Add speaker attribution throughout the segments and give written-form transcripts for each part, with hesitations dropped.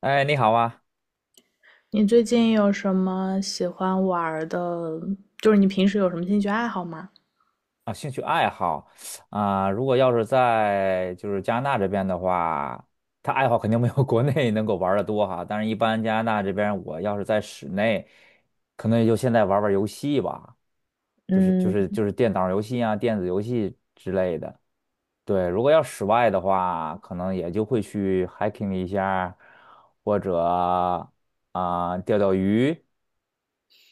Speaker 1: 哎，你好啊！
Speaker 2: 你最近有什么喜欢玩儿的？就是你平时有什么兴趣爱好吗？
Speaker 1: 啊，兴趣爱好啊，如果在加拿大这边的话，他爱好肯定没有国内能够玩的多哈。但是，一般加拿大这边，我要是在室内，可能也就现在玩玩游戏吧，就是电脑游戏啊、电子游戏之类的。对，如果要室外的话，可能也就会去 hiking 一下，或者啊、钓钓鱼，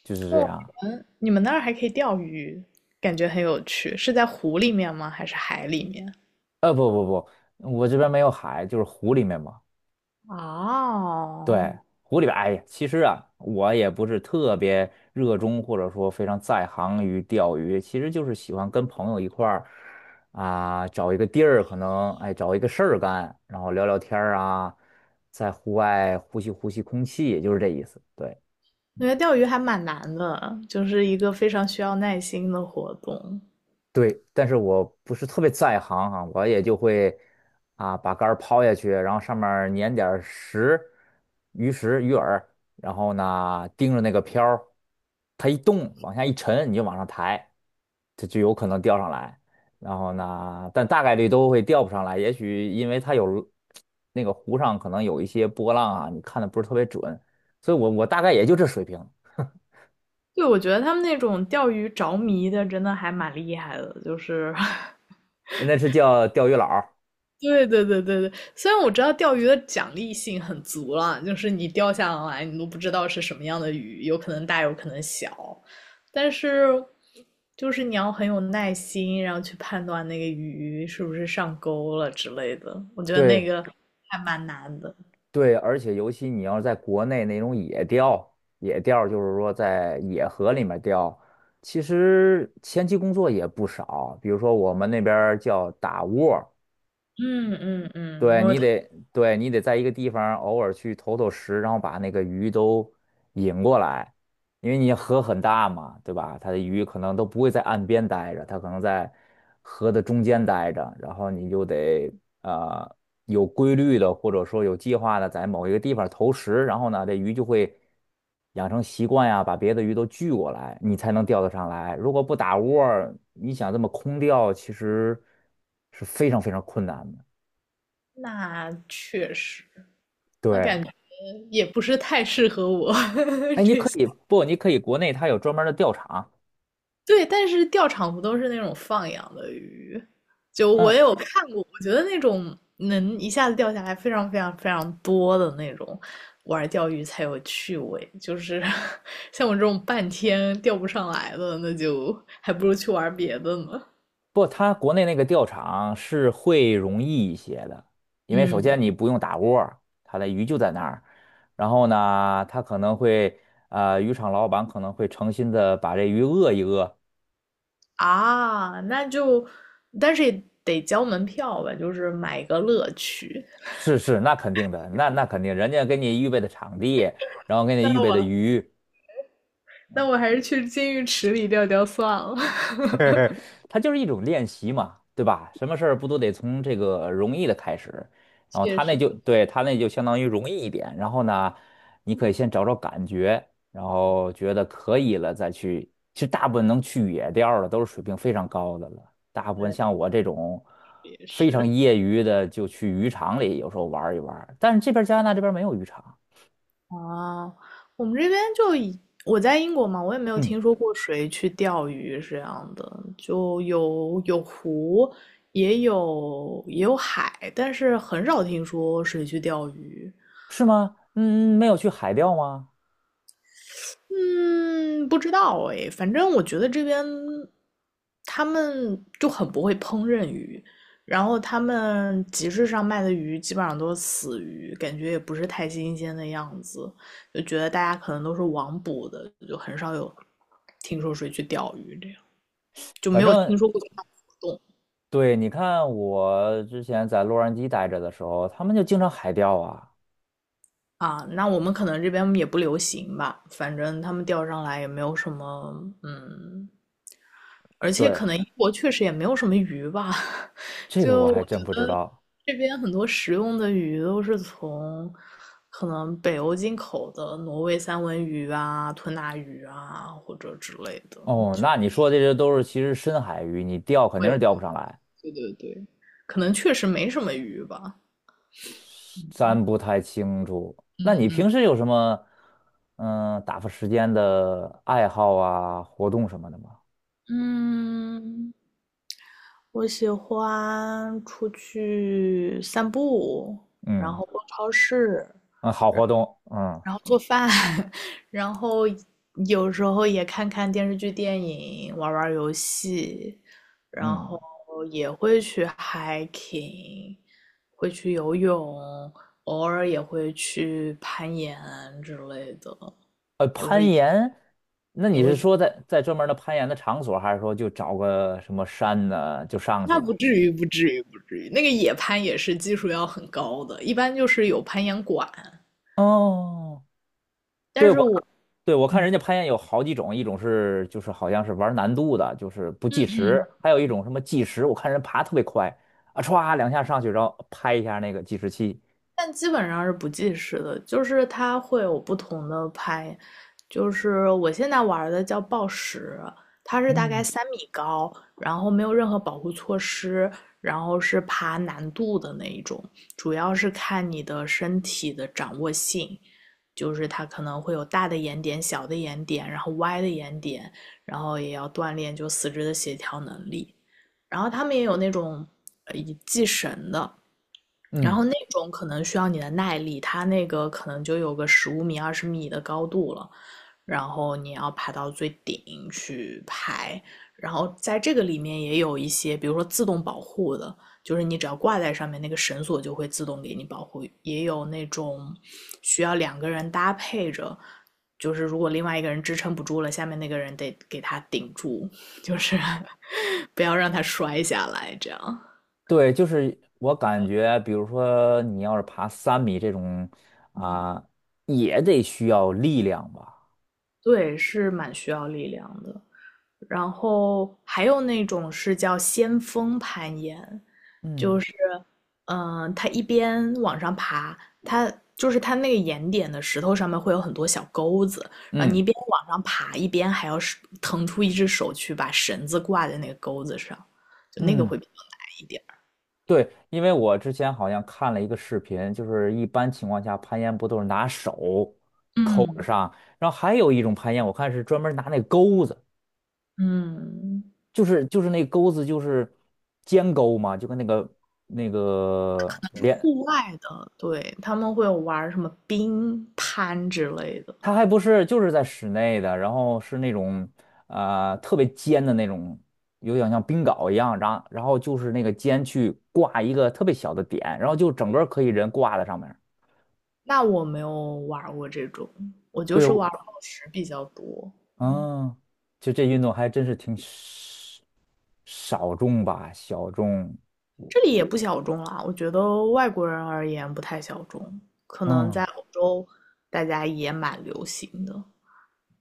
Speaker 1: 就是这样。
Speaker 2: 你们那儿还可以钓鱼，感觉很有趣。是在湖里面吗？还是海里面？
Speaker 1: 不，我这边没有海，就是湖里面嘛。对，
Speaker 2: 哦，
Speaker 1: 湖里边，哎呀，其实啊，我也不是特别热衷，或者说非常在行于钓鱼，其实就是喜欢跟朋友一块儿啊，找一个地儿，可能哎找一个事儿干，然后聊聊天儿啊，在户外呼吸呼吸空气，也就是这意思。对。
Speaker 2: 我觉得钓鱼还蛮难的，就是一个非常需要耐心的活动。
Speaker 1: 对，但是我不是特别在行啊，我也就会啊把杆儿抛下去，然后上面儿粘点儿石、鱼食、鱼饵，然后呢盯着那个漂儿，它一动往下一沉，你就往上抬，它就有可能钓上来。然后呢，但大概率都会钓不上来，也许因为它有那个湖上可能有一些波浪啊，你看的不是特别准，所以我大概也就这水平，
Speaker 2: 对，我觉得他们那种钓鱼着迷的，真的还蛮厉害的，就是
Speaker 1: 那是叫钓鱼佬儿。
Speaker 2: 对对对对对，虽然我知道钓鱼的奖励性很足了，就是你钓下来你都不知道是什么样的鱼，有可能大有可能小，但是就是你要很有耐心，然后去判断那个鱼是不是上钩了之类的，我觉得那
Speaker 1: 对。
Speaker 2: 个还蛮难的。
Speaker 1: 对，而且尤其你要是在国内那种野钓，野钓就是说在野河里面钓，其实前期工作也不少。比如说我们那边儿叫打窝，
Speaker 2: 嗯嗯嗯，
Speaker 1: 对你得，对你得在一个地方偶尔去投投食，然后把那个鱼都引过来，因为你河很大嘛，对吧？它的鱼可能都不会在岸边待着，它可能在河的中间待着，然后你就得呃有规律的或者说有计划的在某一个地方投食，然后呢，这鱼就会养成习惯呀，把别的鱼都聚过来，你才能钓得上来。如果不打窝儿你想这么空钓，其实是非常非常困难的。
Speaker 2: 那确实，那
Speaker 1: 对，
Speaker 2: 感觉也不是太适合我。
Speaker 1: 哎，你可以不？你可以国内它有专门儿的钓场，
Speaker 2: 对，但是钓场不都是那种放养的鱼？就我
Speaker 1: 嗯，
Speaker 2: 也有看过，我觉得那种能一下子钓下来非常非常非常多的那种，玩钓鱼才有趣味。就是 像我这种半天钓不上来的，那就还不如去玩别的呢。
Speaker 1: 不，它国内那个钓场是会容易一些的，因为首
Speaker 2: 嗯
Speaker 1: 先你不用打窝儿它的鱼就在那儿，然后呢，它可能会渔场老板可能会诚心的把这鱼饿一饿，
Speaker 2: 啊，那就，但是也得交门票吧，就是买个乐趣。
Speaker 1: 是是，那肯定的，那肯定，人家给你预备的场地，然后给你
Speaker 2: 那
Speaker 1: 预备的
Speaker 2: 我
Speaker 1: 鱼，
Speaker 2: 那我还是去金鱼池里钓钓算了。
Speaker 1: 它就是一种练习嘛，对吧？什么事儿不都得从这个容易的开始？然后
Speaker 2: 确
Speaker 1: 他那
Speaker 2: 实，
Speaker 1: 就对他那就相当于容易一点，然后呢，你可以先找找感觉，然后觉得可以了再去。其实大部分能去野钓儿的都是水平非常高的了，大部分
Speaker 2: 对，
Speaker 1: 像我这种
Speaker 2: 也
Speaker 1: 非常
Speaker 2: 是。
Speaker 1: 业余的，就去渔场里有时候玩儿一玩儿。但是这边儿加拿大这边儿没有渔场，
Speaker 2: 啊，我们这边就以我在英国嘛，我也没有
Speaker 1: 嗯，
Speaker 2: 听说过谁去钓鱼是这样的，就有湖，也有海，但是很少听说谁去钓鱼。
Speaker 1: 是吗？嗯，没有去海钓吗？
Speaker 2: 嗯，不知道哎，反正我觉得这边他们就很不会烹饪鱼，然后他们集市上卖的鱼基本上都是死鱼，感觉也不是太新鲜的样子，就觉得大家可能都是网捕的，就很少有听说谁去钓鱼这样，就没
Speaker 1: 反
Speaker 2: 有听
Speaker 1: 正
Speaker 2: 说过这项活动
Speaker 1: 对，你看我之前在洛杉矶待着的时候，他们就经常海钓啊。
Speaker 2: 啊。那我们可能这边也不流行吧，反正他们钓上来也没有什么嗯而且可
Speaker 1: 对，
Speaker 2: 能英国确实也没有什么鱼吧，
Speaker 1: 这个
Speaker 2: 就
Speaker 1: 我
Speaker 2: 我
Speaker 1: 还
Speaker 2: 觉
Speaker 1: 真不知
Speaker 2: 得
Speaker 1: 道。
Speaker 2: 这边很多食用的鱼都是从可能北欧进口的挪威三文鱼啊、吞拿鱼啊或者之类的，
Speaker 1: 哦，
Speaker 2: 就
Speaker 1: 那你说这些都是其实深海鱼，你钓肯定是钓不上来，
Speaker 2: 对对对，可能确实没什么鱼吧。
Speaker 1: 咱不太清楚。那你平时有什么嗯打发时间的爱好啊、活动什么的吗？
Speaker 2: 嗯，我喜欢出去散步，然
Speaker 1: 嗯
Speaker 2: 后逛超市，
Speaker 1: 嗯，好活动，嗯
Speaker 2: 然后做饭，然后有时候也看看电视剧、电影，玩玩游戏，然
Speaker 1: 嗯，
Speaker 2: 后也会去 hiking，会去游泳，偶尔也会去攀岩之类的。
Speaker 1: 攀岩，那你是说在在专门的攀岩的场所，还是说就找个什么山呢就上去
Speaker 2: 那不
Speaker 1: 了？
Speaker 2: 至于，不至于，不至于。那个野攀也是技术要很高的，一般就是有攀岩馆，
Speaker 1: 哦对
Speaker 2: 但是
Speaker 1: 我
Speaker 2: 我。
Speaker 1: 对我看
Speaker 2: 嗯
Speaker 1: 人家攀岩有好几种，一种是就是好像是玩难度的，就是不计时，还有一种什么计时，我看人爬特别快啊，歘两下上去，然后拍一下那个计时器。
Speaker 2: 但基本上是不计时的，就是它会有不同的拍，就是我现在玩的叫暴食，它是大概
Speaker 1: 嗯，
Speaker 2: 3米高，然后没有任何保护措施，然后是爬难度的那一种，主要是看你的身体的掌握性，就是它可能会有大的岩点、小的岩点，然后歪的岩点，然后也要锻炼就四肢的协调能力，然后他们也有那种以系绳的。然
Speaker 1: 嗯，
Speaker 2: 后那种可能需要你的耐力，它那个可能就有个15米、20米的高度了，然后你要爬到最顶去拍。然后在这个里面也有一些，比如说自动保护的，就是你只要挂在上面，那个绳索就会自动给你保护。也有那种需要两个人搭配着，就是如果另外一个人支撑不住了，下面那个人得给他顶住，就是 不要让他摔下来，这样。
Speaker 1: 对，就是我感觉，比如说你要是爬3米这种啊，也得需要力量吧。
Speaker 2: 对，是蛮需要力量的。然后还有那种是叫先锋攀岩，就
Speaker 1: 嗯
Speaker 2: 是，它一边往上爬，它就是它那个岩点的石头上面会有很多小钩子，然后你
Speaker 1: 嗯
Speaker 2: 一边往上爬，一边还要是腾出一只手去把绳子挂在那个钩子上，就那个会
Speaker 1: 嗯。
Speaker 2: 比较难一点儿
Speaker 1: 对，因为我之前好像看了一个视频，就是一般情况下攀岩不都是拿手抠着
Speaker 2: 嗯
Speaker 1: 上，然后还有一种攀岩，我看是专门拿那钩子，
Speaker 2: 嗯，
Speaker 1: 就是那钩子就是尖钩嘛，就跟那个那个连，
Speaker 2: 户外的，对，他们会有玩儿什么冰攀之类的，
Speaker 1: 它还不是就是在室内的，然后是那种特别尖的那种，有点像冰镐一样，然后然后就是那个尖去挂一个特别小的点，然后就整个可以人挂在上面。
Speaker 2: 那我没有玩过这种，我就
Speaker 1: 对，
Speaker 2: 是玩宝石比较多。
Speaker 1: 啊，就这运动还真是挺少少众吧，小众。
Speaker 2: 这里也不小众啦，我觉得外国人而言不太小众，可能
Speaker 1: 嗯，
Speaker 2: 在欧洲大家也蛮流行的。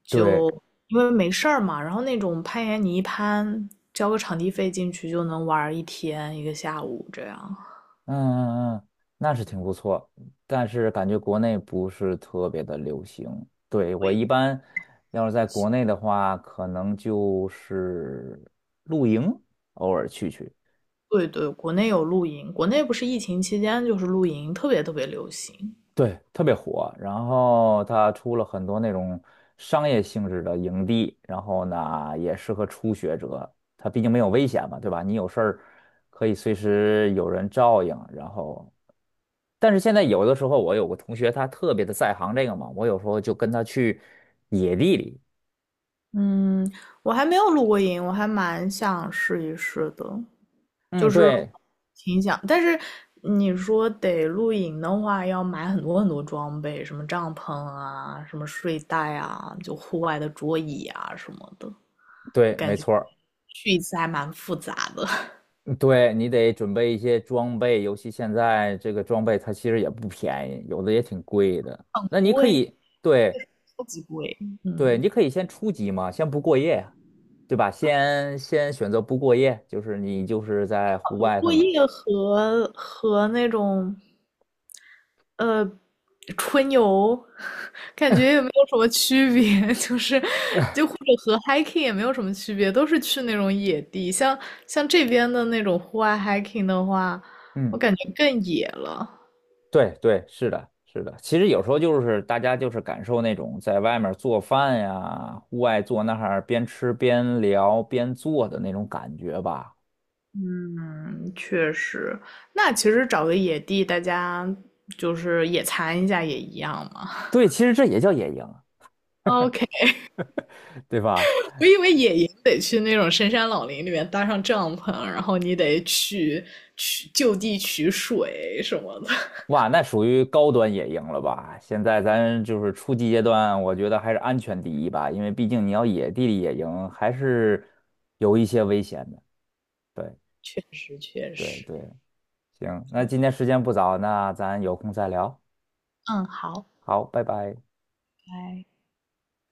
Speaker 1: 对，
Speaker 2: 因为没事儿嘛，然后那种攀岩你一攀，交个场地费进去就能玩一天一个下午这样。
Speaker 1: 嗯嗯嗯，那是挺不错，但是感觉国内不是特别的流行。对，我一般要是在国内的话，可能就是露营，偶尔去去。
Speaker 2: 对对，国内有露营，国内不是疫情期间就是露营特别特别流行。
Speaker 1: 对，特别火。然后它出了很多那种商业性质的营地，然后呢也适合初学者。它毕竟没有危险嘛，对吧？你有事儿可以随时有人照应。然后，但是现在有的时候，我有个同学他特别的在行这个嘛，我有时候就跟他去野地里。
Speaker 2: 嗯，我还没有露过营，我还蛮想试一试的。就
Speaker 1: 嗯，
Speaker 2: 是
Speaker 1: 对
Speaker 2: 挺想，但是你说得露营的话，要买很多很多装备，什么帐篷啊，什么睡袋啊，就户外的桌椅啊什么的，
Speaker 1: 对，没错儿
Speaker 2: 去一次还蛮复杂的，
Speaker 1: 嗯对你得准备一些装备，尤其现在这个装备它其实也不便宜，有的也挺贵的。那
Speaker 2: 不
Speaker 1: 你可
Speaker 2: 会，
Speaker 1: 以。对，
Speaker 2: 超级贵。
Speaker 1: 对，
Speaker 2: 嗯，
Speaker 1: 你可以先初级嘛，先不过夜，呀，对吧？先先选择不过夜，就是你就是在户
Speaker 2: 我
Speaker 1: 外可
Speaker 2: 作
Speaker 1: 能
Speaker 2: 业和那种呃，春游 感觉也没有什么区别，就是或者和 hiking 也没有什么区别，都是去那种野地。像这边的那种户外 hiking 的话，我
Speaker 1: 嗯，
Speaker 2: 感觉更野了。
Speaker 1: 对对，是的，是的。其实有时候就是大家就是感受那种在外面做饭呀，户外坐那儿边吃边聊边做的那种感觉吧。
Speaker 2: 嗯，确实。那其实找个野地，大家就是野餐一下也一样嘛。
Speaker 1: 对，其实这也叫野营，
Speaker 2: OK，
Speaker 1: 对吧？
Speaker 2: 我以为野营得去那种深山老林里面搭上帐篷，然后你得去取就地取水什么的。
Speaker 1: 哇，那属于高端野营了吧？现在咱就是初级阶段，我觉得还是安全第一吧，因为毕竟你要野地里野营，还是有一些危险的。对
Speaker 2: 确实确
Speaker 1: 对
Speaker 2: 实，
Speaker 1: 对，行，那
Speaker 2: 对，
Speaker 1: 今天时间不早，那咱有空再聊。
Speaker 2: 嗯，好，
Speaker 1: 好，拜拜。
Speaker 2: 拜。